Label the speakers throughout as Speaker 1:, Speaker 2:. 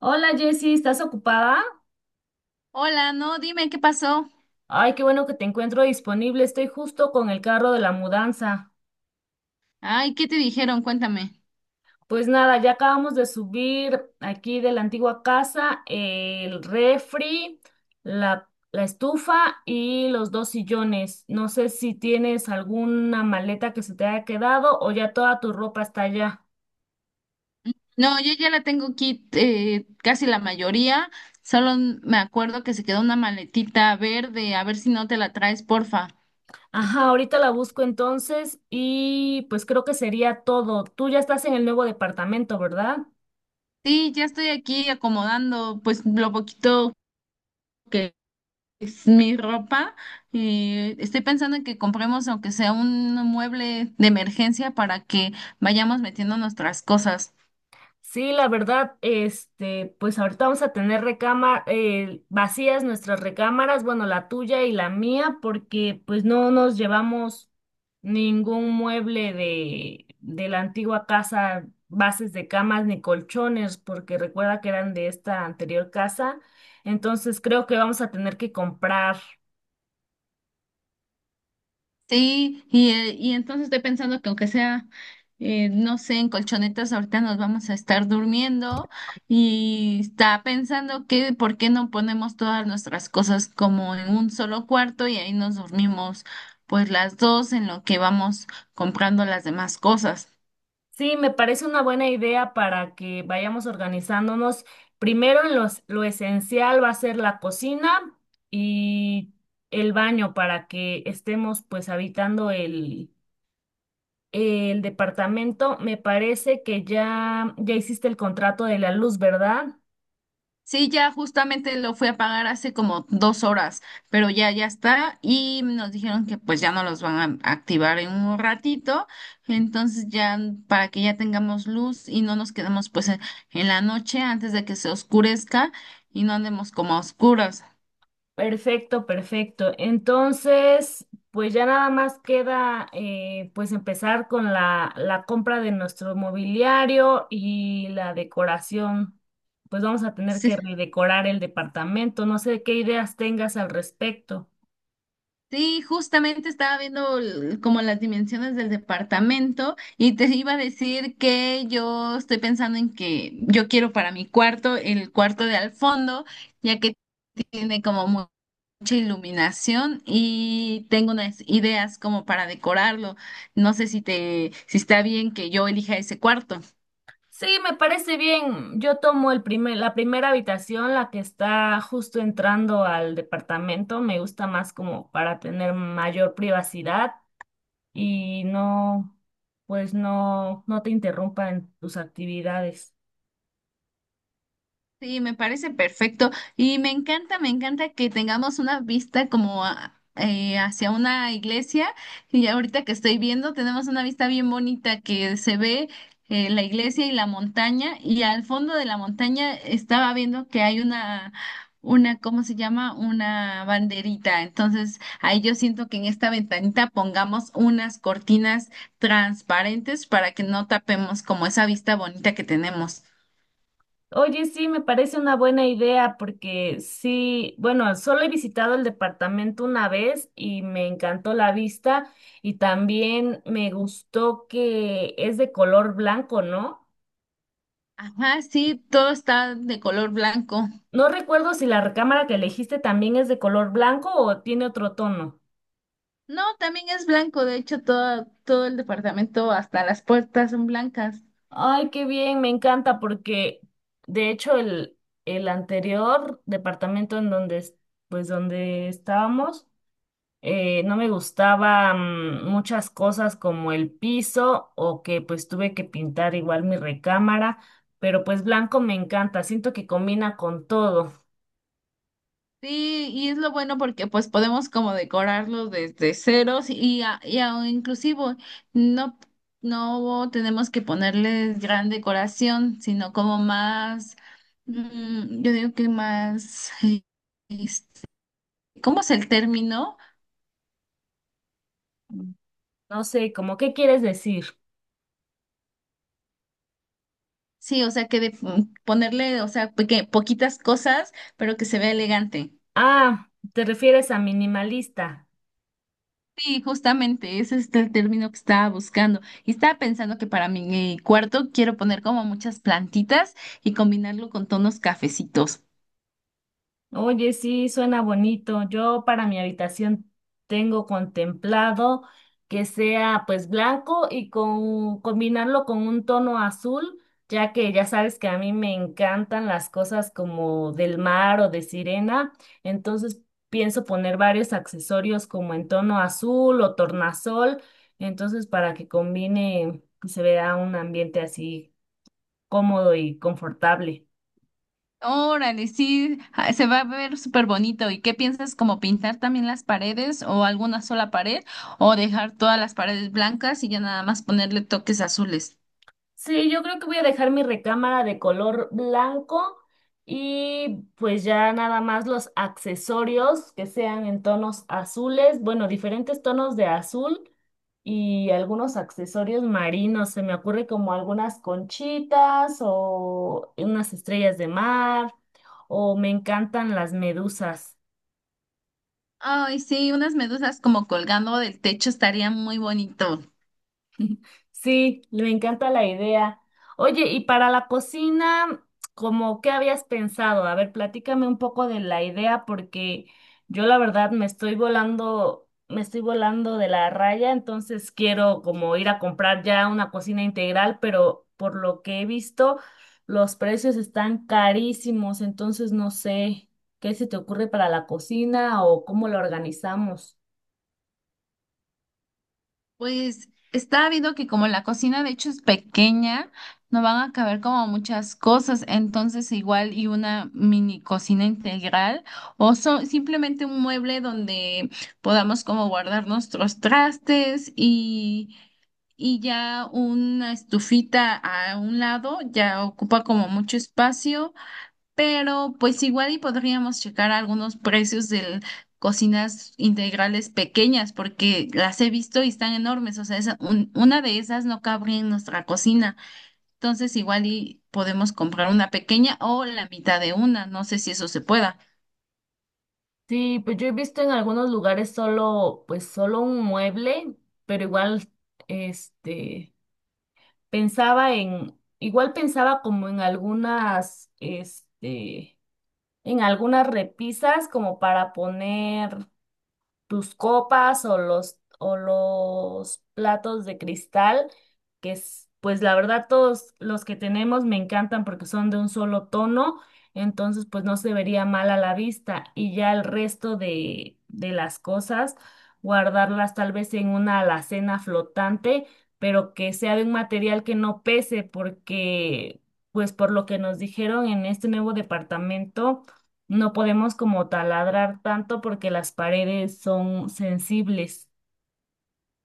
Speaker 1: Hola Jessy, ¿estás ocupada?
Speaker 2: Hola, no, dime qué pasó.
Speaker 1: Ay, qué bueno que te encuentro disponible. Estoy justo con el carro de la mudanza.
Speaker 2: Ay, ¿qué te dijeron? Cuéntame.
Speaker 1: Pues nada, ya acabamos de subir aquí de la antigua casa el refri, la estufa y los dos sillones. No sé si tienes alguna maleta que se te haya quedado o ya toda tu ropa está allá.
Speaker 2: No, yo ya la tengo aquí casi la mayoría. Me acuerdo que se quedó una maletita verde. A ver si no te la traes, porfa.
Speaker 1: Ajá, ahorita la busco entonces y pues creo que sería todo. Tú ya estás en el nuevo departamento, ¿verdad?
Speaker 2: Sí, ya estoy aquí acomodando pues lo poquito que es mi ropa. Estoy pensando en que compremos aunque sea un mueble de emergencia para que vayamos metiendo nuestras cosas.
Speaker 1: Sí, la verdad, este, pues ahorita vamos a tener recámar vacías nuestras recámaras, bueno, la tuya y la mía, porque pues no nos llevamos ningún mueble de la antigua casa, bases de camas ni colchones, porque recuerda que eran de esta anterior casa. Entonces creo que vamos a tener que comprar.
Speaker 2: Sí, y entonces estoy pensando que aunque sea, no sé, en colchonetas ahorita nos vamos a estar durmiendo y está pensando que por qué no ponemos todas nuestras cosas como en un solo cuarto y ahí nos dormimos pues las dos en lo que vamos comprando las demás cosas.
Speaker 1: Sí, me parece una buena idea para que vayamos organizándonos. Primero en los, lo esencial va a ser la cocina y el baño para que estemos pues habitando el departamento. Me parece que ya hiciste el contrato de la luz, ¿verdad?
Speaker 2: Sí, ya justamente lo fui a pagar hace como dos horas, pero ya está. Y nos dijeron que pues ya no los van a activar en un ratito. Entonces ya para que ya tengamos luz y no nos quedemos pues en la noche antes de que se oscurezca y no andemos como a oscuras.
Speaker 1: Perfecto, perfecto. Entonces, pues ya nada más queda pues empezar con la compra de nuestro mobiliario y la decoración. Pues vamos a tener
Speaker 2: Sí,
Speaker 1: que redecorar el departamento. No sé qué ideas tengas al respecto.
Speaker 2: sí, justamente estaba viendo como las dimensiones del departamento y te iba a decir que yo estoy pensando en que yo quiero para mi cuarto el cuarto de al fondo, ya que tiene como mucha iluminación y tengo unas ideas como para decorarlo. No sé si te, si está bien que yo elija ese cuarto.
Speaker 1: Sí, me parece bien. Yo tomo la primera habitación, la que está justo entrando al departamento. Me gusta más como para tener mayor privacidad. Y no, pues no, no te interrumpan tus actividades.
Speaker 2: Sí, me parece perfecto y me encanta que tengamos una vista como hacia una iglesia y ahorita que estoy viendo tenemos una vista bien bonita que se ve la iglesia y la montaña y al fondo de la montaña estaba viendo que hay una, ¿cómo se llama? Una banderita. Entonces ahí yo siento que en esta ventanita pongamos unas cortinas transparentes para que no tapemos como esa vista bonita que tenemos.
Speaker 1: Oye, sí, me parece una buena idea porque sí, bueno, solo he visitado el departamento una vez y me encantó la vista y también me gustó que es de color blanco, ¿no?
Speaker 2: Ajá, sí, todo está de color blanco.
Speaker 1: No recuerdo si la recámara que elegiste también es de color blanco o tiene otro tono.
Speaker 2: No, también es blanco, de hecho, todo el departamento, hasta las puertas son blancas.
Speaker 1: Ay, qué bien, me encanta porque de hecho el anterior departamento en pues donde estábamos, no me gustaban muchas cosas como el piso o que pues tuve que pintar igual mi recámara, pero pues blanco me encanta, siento que combina con todo.
Speaker 2: Sí, y es lo bueno porque pues podemos como decorarlo desde ceros y inclusivo no, no tenemos que ponerle gran decoración, sino como más, yo digo que más, este, ¿cómo es el término?
Speaker 1: No sé, ¿cómo qué quieres decir?
Speaker 2: Sí, o sea, que de ponerle, o sea, poquitas cosas, pero que se vea elegante.
Speaker 1: Ah, ¿te refieres a minimalista?
Speaker 2: Sí, justamente, ese es el término que estaba buscando. Y estaba pensando que para mi cuarto quiero poner como muchas plantitas y combinarlo con tonos cafecitos.
Speaker 1: Oye, sí, suena bonito. Yo para mi habitación tengo contemplado que sea pues blanco y con combinarlo con un tono azul, ya que ya sabes que a mí me encantan las cosas como del mar o de sirena, entonces pienso poner varios accesorios como en tono azul o tornasol, entonces para que combine y se vea un ambiente así cómodo y confortable.
Speaker 2: Órale, sí, ah, se va a ver súper bonito. ¿Y qué piensas, como pintar también las paredes o alguna sola pared o dejar todas las paredes blancas y ya nada más ponerle toques azules?
Speaker 1: Sí, yo creo que voy a dejar mi recámara de color blanco y pues ya nada más los accesorios que sean en tonos azules, bueno, diferentes tonos de azul y algunos accesorios marinos. Se me ocurre como algunas conchitas o unas estrellas de mar o me encantan las medusas.
Speaker 2: Ay, sí, unas medusas como colgando del techo estaría muy bonito.
Speaker 1: Sí, me encanta la idea. Oye, y para la cocina, ¿cómo qué habías pensado? A ver, platícame un poco de la idea porque yo la verdad me estoy volando de la raya, entonces quiero como ir a comprar ya una cocina integral, pero por lo que he visto, los precios están carísimos, entonces no sé qué se te ocurre para la cocina o cómo la organizamos.
Speaker 2: Pues está habido que como la cocina de hecho es pequeña, no van a caber como muchas cosas, entonces igual y una mini cocina integral o simplemente un mueble donde podamos como guardar nuestros trastes y ya una estufita a un lado ya ocupa como mucho espacio, pero pues igual y podríamos checar algunos precios de cocinas integrales pequeñas, porque las he visto y están enormes, o sea, una de esas no cabría en nuestra cocina, entonces igual y podemos comprar una pequeña o la mitad de una, no sé si eso se pueda.
Speaker 1: Sí, pues yo he visto en algunos lugares pues solo un mueble, pero este, pensaba en, igual pensaba como en en algunas repisas como para poner tus copas o o los platos de cristal, que es, pues la verdad todos los que tenemos me encantan porque son de un solo tono, entonces pues no se vería mal a la vista y ya el resto de las cosas, guardarlas tal vez en una alacena flotante, pero que sea de un material que no pese porque... Pues por lo que nos dijeron en este nuevo departamento, no podemos como taladrar tanto porque las paredes son sensibles.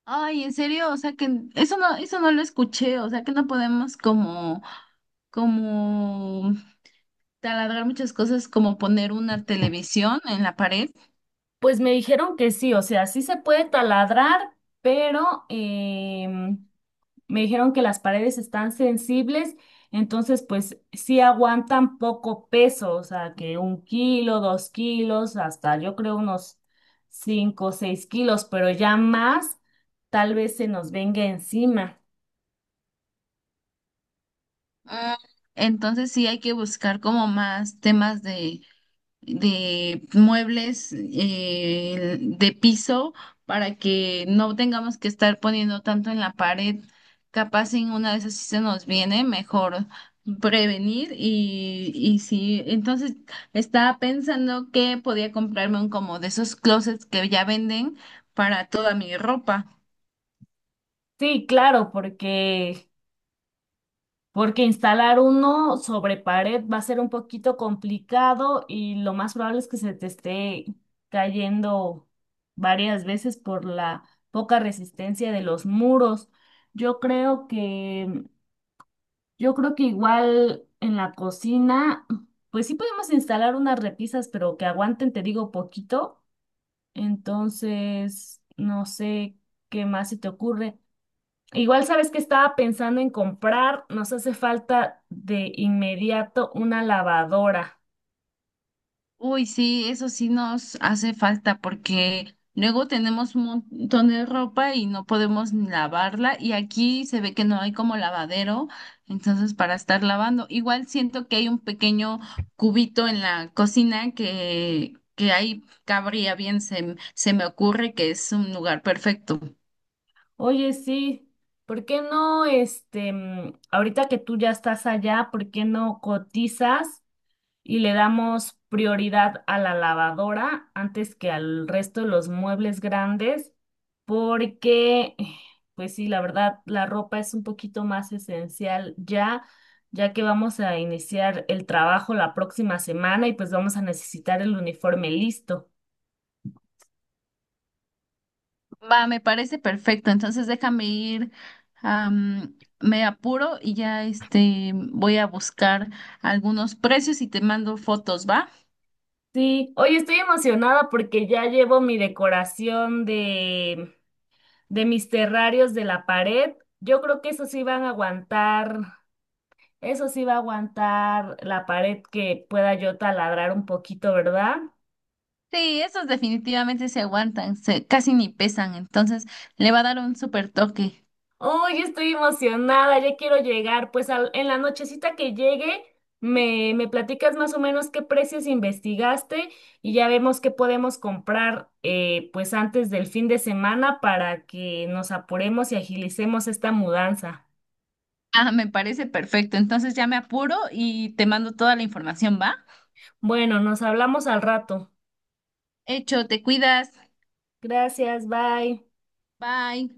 Speaker 2: Ay, en serio, o sea que eso no lo escuché, o sea que no podemos como, como taladrar muchas cosas, como poner una televisión en la pared.
Speaker 1: Pues me dijeron que sí, o sea, sí se puede taladrar, pero me dijeron que las paredes están sensibles, entonces pues sí aguantan poco peso, o sea, que un kilo, dos kilos, hasta yo creo unos cinco o seis kilos, pero ya más tal vez se nos venga encima.
Speaker 2: Ah, entonces sí hay que buscar como más temas de muebles de piso para que no tengamos que estar poniendo tanto en la pared. Capaz en una de esas sí se nos viene, mejor prevenir y sí. Entonces estaba pensando que podía comprarme un como de esos closets que ya venden para toda mi ropa.
Speaker 1: Sí, claro, porque instalar uno sobre pared va a ser un poquito complicado y lo más probable es que se te esté cayendo varias veces por la poca resistencia de los muros. Yo creo que, yo creo que igual en la cocina, pues sí podemos instalar unas repisas, pero que aguanten, te digo, poquito. Entonces, no sé qué más se te ocurre. Igual sabes que estaba pensando en comprar, nos hace falta de inmediato una lavadora.
Speaker 2: Uy, sí, eso sí nos hace falta porque luego tenemos un montón de ropa y no podemos ni lavarla y aquí se ve que no hay como lavadero, entonces para estar lavando. Igual siento que hay un pequeño cubito en la cocina que ahí cabría bien, se me ocurre que es un lugar perfecto.
Speaker 1: Oye, sí, ¿por qué no, ahorita que tú ya estás allá, ¿por qué no cotizas? Y le damos prioridad a la lavadora antes que al resto de los muebles grandes, porque, pues sí, la verdad, la ropa es un poquito más esencial ya, ya que vamos a iniciar el trabajo la próxima semana y pues vamos a necesitar el uniforme listo.
Speaker 2: Va, me parece perfecto. Entonces déjame ir, me apuro y ya este voy a buscar algunos precios y te mando fotos, ¿va?
Speaker 1: Sí, hoy estoy emocionada porque ya llevo mi decoración de mis terrarios de la pared. Yo creo que esos sí van a aguantar. Eso sí va a aguantar la pared que pueda yo taladrar un poquito, ¿verdad?
Speaker 2: Sí, esos definitivamente se aguantan, se, casi ni pesan, entonces le va a dar un super toque.
Speaker 1: ¡Oh, yo estoy emocionada! Ya quiero llegar. Pues al- en la nochecita que llegue, me platicas más o menos qué precios investigaste y ya vemos qué podemos comprar pues antes del fin de semana para que nos apuremos y agilicemos esta mudanza.
Speaker 2: Ah, me parece perfecto. Entonces ya me apuro y te mando toda la información, ¿va?
Speaker 1: Bueno, nos hablamos al rato.
Speaker 2: Hecho, te cuidas.
Speaker 1: Gracias, bye.
Speaker 2: Bye.